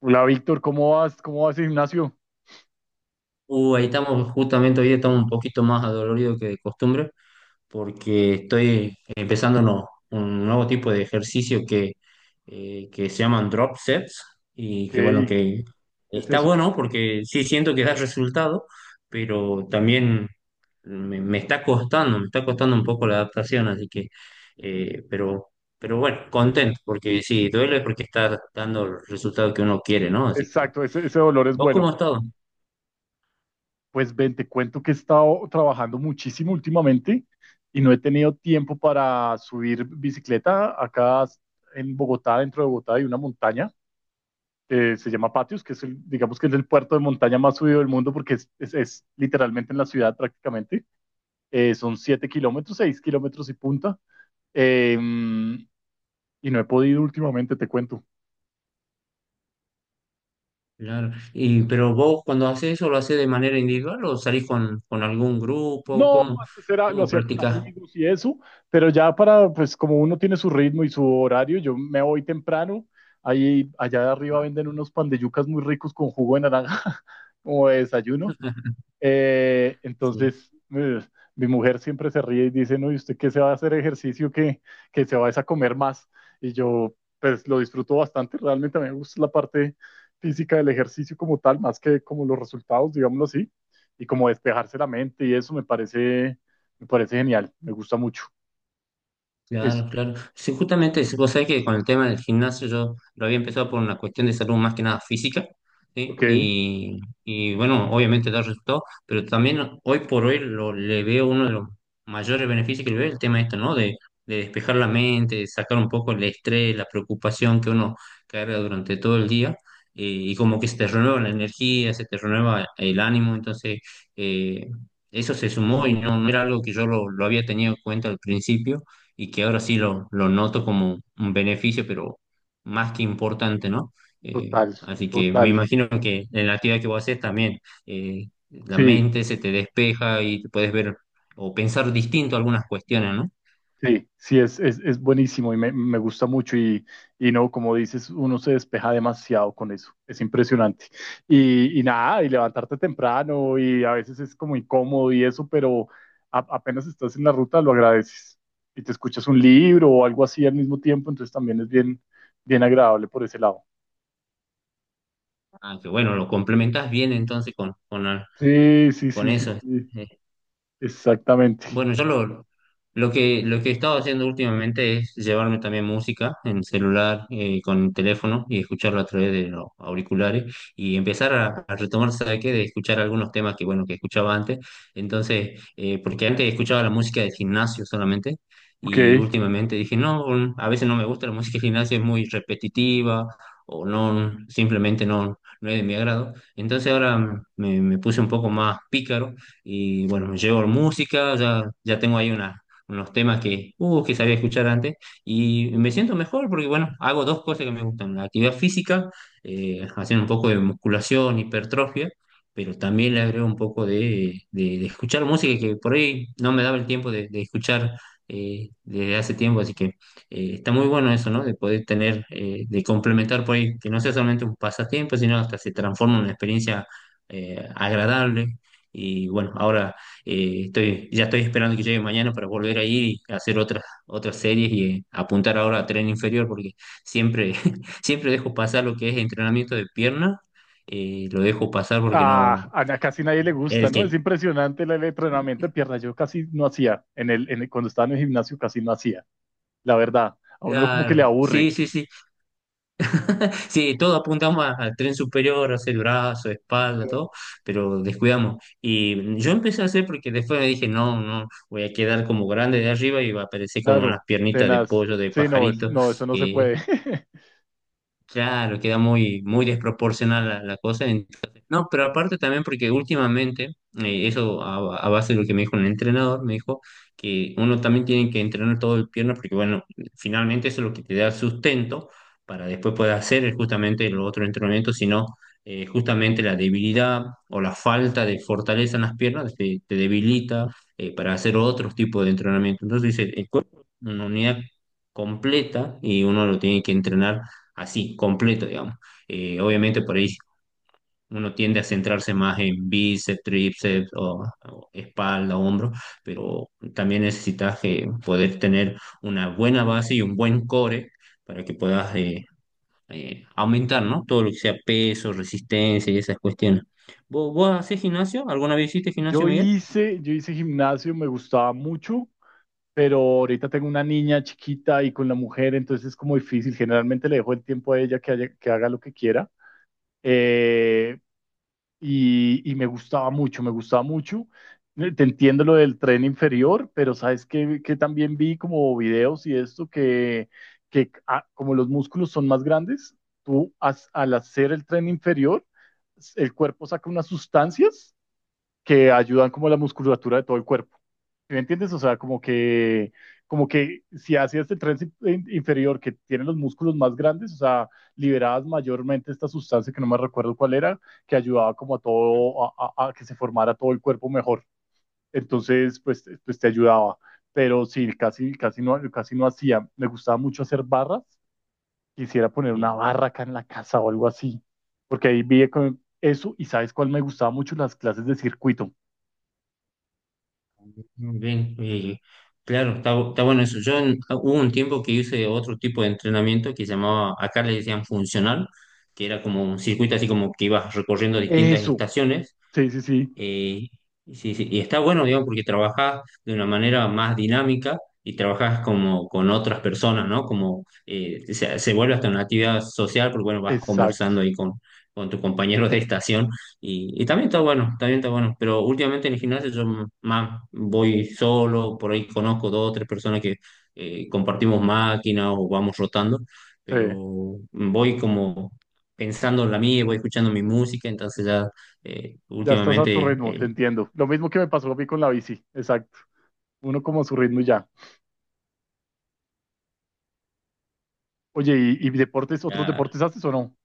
Hola Víctor, ¿cómo vas? ¿Cómo vas, Ignacio? Ahí estamos, justamente hoy estamos un poquito más adoloridos que de costumbre, porque estoy empezando un nuevo tipo de ejercicio que se llaman drop sets, Ok, y que bueno, ¿qué que es está eso? bueno porque sí siento que da resultado, pero también me está costando, me está costando un poco la adaptación, así que, eh, pero, pero bueno, contento, porque sí, duele porque está dando el resultado que uno quiere, ¿no? Así que, Exacto, ese dolor es ¿vos cómo bueno. has estado? Pues ven, te cuento que he estado trabajando muchísimo últimamente y no he tenido tiempo para subir bicicleta. Acá en Bogotá, dentro de Bogotá, hay una montaña que se llama Patios, que es el, digamos que es el puerto de montaña más subido del mundo porque es literalmente en la ciudad prácticamente. Son 7 kilómetros, 6 kilómetros y punta. Em, y no he podido últimamente, te cuento. Claro. Y, pero vos cuando haces eso, ¿lo haces de manera individual o salís con algún grupo? No, ¿Cómo, antes era, lo cómo hacía con practicás? amigos y eso, pero ya para, pues como uno tiene su ritmo y su horario, yo me voy temprano, ahí allá de arriba venden unos pan de yucas muy ricos con jugo de naranja como de desayuno, eh, Sí. entonces, eh, mi mujer siempre se ríe y dice, no, ¿y usted qué se va a hacer ejercicio que se va es a comer más? Y yo, pues lo disfruto bastante, realmente a mí me gusta la parte física del ejercicio como tal, más que como los resultados, digámoslo así, y como despejarse la mente y eso me parece genial, me gusta mucho. Es, Claro, claro. Sí, justamente, sí, vos sabés que con el tema del gimnasio yo lo había empezado por una cuestión de salud más que nada física, ok, ¿sí? Y bueno, obviamente da resultado, pero también hoy por hoy le veo uno de los mayores beneficios que le veo, el tema esto, ¿no? De despejar la mente, de sacar un poco el estrés, la preocupación que uno carga durante todo el día, y como que se te renueva la energía, se te renueva el ánimo, entonces eh, eso se sumó y no, no era algo que yo lo había tenido en cuenta al principio y que ahora sí lo noto como un beneficio, pero más que importante, ¿no? Total, Así que me total, imagino que en la actividad que vos haces también la sí. mente se te despeja y te puedes ver o pensar distinto algunas cuestiones, ¿no? Sí, sí, es buenísimo y me gusta mucho y no, como dices, uno se despeja demasiado con eso, es impresionante. Y nada, y levantarte temprano y a veces es como incómodo y eso, pero apenas estás en la ruta lo agradeces y te escuchas un libro o algo así al mismo tiempo, entonces también es bien, bien agradable por ese lado. Ah, que bueno, lo complementas bien entonces Sí, sí, con sí, sí, eso. sí, exactamente. Bueno, lo que he estado haciendo últimamente es llevarme también música en celular, con teléfono y escucharlo a través de los auriculares y empezar a retomar, ¿sabe qué? De escuchar algunos temas que, bueno, que escuchaba antes. Entonces, porque antes escuchaba la música del gimnasio solamente Ok. y últimamente dije, no, mm, a veces no me gusta la música del gimnasio, es muy repetitiva o no, simplemente no, no es de mi agrado. Entonces ahora me puse un poco más pícaro y bueno, me llevo música, ya, ya tengo ahí unos temas que que sabía escuchar antes y me siento mejor porque, bueno, hago dos cosas que me gustan, la actividad física, haciendo un poco de musculación, hipertrofia, pero también le agrego un poco de, de escuchar música que por ahí no me daba el tiempo de escuchar desde hace tiempo, así que está muy bueno eso, ¿no? De poder tener, de complementar por ahí, que no sea solamente un pasatiempo, sino hasta se transforma en una experiencia agradable y bueno, ahora estoy, ya estoy esperando que llegue mañana para volver a ir y hacer otras, otras series y apuntar ahora a tren inferior, porque siempre, siempre dejo pasar lo que es entrenamiento de pierna, lo dejo pasar porque no, Ah, casi nadie le gusta, el ¿no? Es que... impresionante el entrenamiento de pierna. Yo casi no hacía, cuando estaba en el gimnasio casi no hacía, la verdad. A uno como que Ah, le sí, aburre, sí, sí. Sí, todos apuntamos al tren superior, a hacer brazo, espalda, todo, pero descuidamos. Y yo empecé a hacer porque después me dije, no, no, voy a quedar como grande de arriba y va a aparecer como unas claro, piernitas de tenaz. pollo, de Sí, no, pajarito. no, eso no se puede. Claro, queda muy, muy desproporcional la, la cosa. Entonces, no, pero aparte también porque últimamente, eso a base de lo que me dijo el entrenador, me dijo que uno también tiene que entrenar todo el pierna porque, bueno, finalmente eso es lo que te da sustento para después poder hacer justamente el otro entrenamiento, sino justamente la debilidad o la falta de fortaleza en las piernas te debilita para hacer otros tipos de entrenamiento. Entonces dice, el cuerpo es una unidad completa y uno lo tiene que entrenar así, completo, digamos. Obviamente por ahí uno tiende a centrarse más en bíceps, tríceps o espalda, hombro, pero también necesitas poder tener una buena base y un buen core para que puedas aumentar, ¿no? Todo lo que sea peso, resistencia y esas cuestiones. ¿Vos, vos haces gimnasio? ¿Alguna vez hiciste gimnasio, Miguel? Yo hice gimnasio, me gustaba mucho, pero ahorita tengo una niña chiquita y con la mujer, entonces es como difícil. Generalmente le dejo el tiempo a ella que, que haga lo que quiera. Eh, y, y me gustaba mucho, me gustaba mucho. Te entiendo lo del tren inferior, pero sabes que también vi como videos y esto que ah, como los músculos son más grandes, al hacer el tren inferior, el cuerpo saca unas sustancias que ayudan como a la musculatura de todo el cuerpo. ¿Sí? ¿Me entiendes? O sea, como que si haces el tren inferior que tiene los músculos más grandes, o sea, liberabas mayormente esta sustancia que no me recuerdo cuál era, que ayudaba como a todo, a que se formara todo el cuerpo mejor. Entonces, pues, pues te ayudaba. Pero sí, casi no hacía. Me gustaba mucho hacer barras. Quisiera poner una Sí. barra acá en la casa o algo así. Porque ahí vi con eso y ¿sabes cuál me gustaba mucho? Las clases de circuito. Muy bien, claro, está, está bueno eso. Yo ah, hubo un tiempo que hice otro tipo de entrenamiento que llamaba, acá le decían funcional, que era como un circuito así como que ibas recorriendo distintas Eso, estaciones, sí, sí, sí, eh, sí, sí, y está bueno, digamos, porque trabajás de una manera más dinámica y trabajás como con otras personas, ¿no? Como se, se vuelve hasta una actividad social, porque bueno, vas exacto. conversando ahí con tus compañeros de estación y también está bueno, pero últimamente en el gimnasio yo más voy solo, por ahí conozco dos o tres personas que compartimos máquina o vamos rotando, Sí, pero voy como pensando en la mía, voy escuchando mi música, entonces ya ya estás a tu últimamente ritmo, te eh, entiendo. Lo mismo que me pasó a mí con la bici, exacto. Uno como a su ritmo y ya. Oye, ¿y deportes, otros está. deportes haces o no?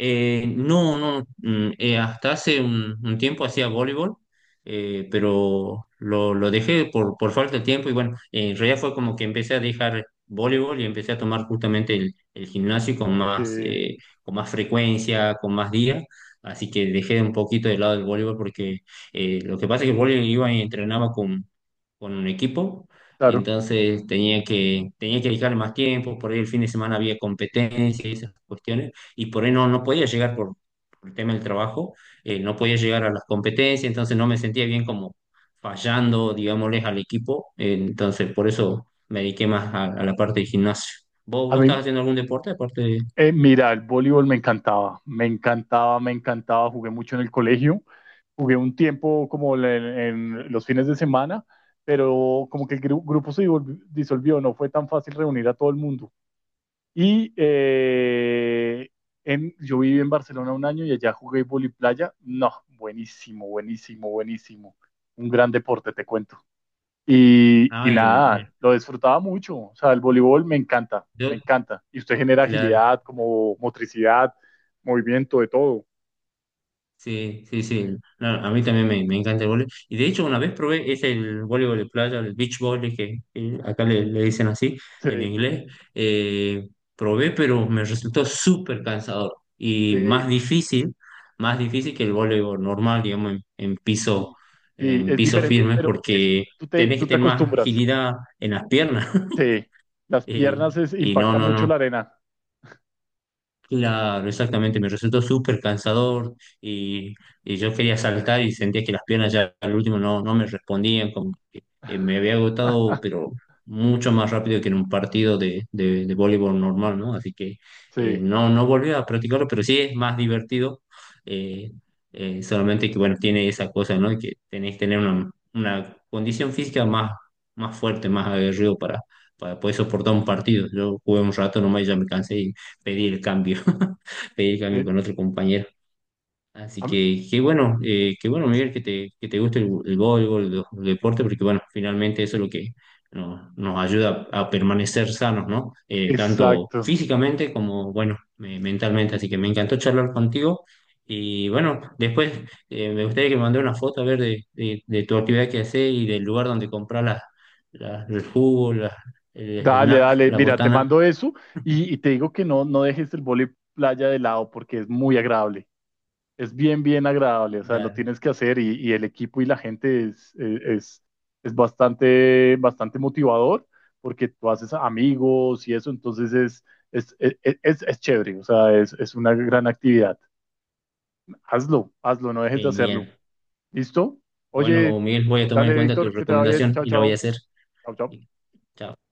No, no, hasta hace un tiempo hacía voleibol, pero lo dejé por falta de tiempo y bueno, en realidad fue como que empecé a dejar voleibol y empecé a tomar justamente el gimnasio Ok, con más frecuencia, con más días, así que dejé un poquito de lado el voleibol porque lo que pasa es que el voleibol iba y entrenaba con un equipo. claro. Entonces tenía que dedicarle más tiempo, por ahí el fin de semana había competencias y esas cuestiones y por ahí no, no podía llegar por el tema del trabajo, no podía llegar a las competencias, entonces no me sentía bien como fallando, digámosles, al equipo, entonces por eso me dediqué más a la parte de gimnasio. ¿Vos, A vos mí, estás haciendo algún deporte aparte de... mira, el voleibol me encantaba, me encantaba, me encantaba. Jugué mucho en el colegio, jugué un tiempo como en los fines de semana, pero como que el grupo se disolvió, no fue tan fácil reunir a todo el mundo. Y eh, yo viví en Barcelona un año y allá jugué playa. No, buenísimo, buenísimo, buenísimo. Un gran deporte, te cuento. Y Ah, nada, lo disfrutaba mucho. O sea, el voleibol me encanta, yo, me encanta. Y usted genera claro. agilidad, como motricidad, movimiento, de todo. Sí, sí, sí. No, a mí también me encanta el voleibol. Y de hecho, una vez probé, es el voleibol de playa, el beach volley, que acá le dicen así Sí, en inglés. Eh, Probé, pero me resultó súper cansador y sí, más difícil que el voleibol normal, digamos, sí, sí, en es piso diferente, firme, pero es, porque tenés que tú te tener más acostumbras. agilidad en las piernas. Sí, las Eh, piernas es, y no, impacta no, mucho no, la arena. claro, exactamente, me resultó súper cansador y, y yo quería saltar y sentía que las piernas ya al último no, no me respondían, como que me había agotado, pero mucho más rápido que en un partido de voleibol normal, ¿no? Así que Sí, no, no volví a practicarlo, pero sí es más divertido, eh, solamente que, bueno, tiene esa cosa, ¿no? Que tenés que tener una condición física más, más fuerte, más aguerrido para poder soportar un partido. Yo jugué un rato nomás y ya me cansé, pedir el cambio, pedir el cambio sí. con otro compañero. Así A, que qué bueno, Miguel, que te guste el voleibol, los deportes, porque bueno, finalmente eso es lo que nos, nos ayuda a permanecer sanos, ¿no? Tanto Exacto. físicamente como, bueno, mentalmente. Así que me encantó charlar contigo. Y bueno, después me gustaría que me mandes una foto a ver de tu actividad que haces y del lugar donde compras las, el jugo, el Dale, snack, dale. la Mira, te botana. mando eso y te digo que no, no dejes el vóley playa de lado porque es muy agradable. Es bien, bien agradable. O sea, lo Dale, tienes que hacer y el equipo y la gente es bastante, bastante motivador porque tú haces amigos y eso. Entonces es chévere. O sea, es una gran actividad. Hazlo, hazlo, no dejes de genial. hacerlo. ¿Listo? Oye, Bueno, Miguel, voy a tomar en dale, cuenta tu Víctor, que te va bien. recomendación Chao, y lo voy a chao. hacer. Chao, chao. Chao.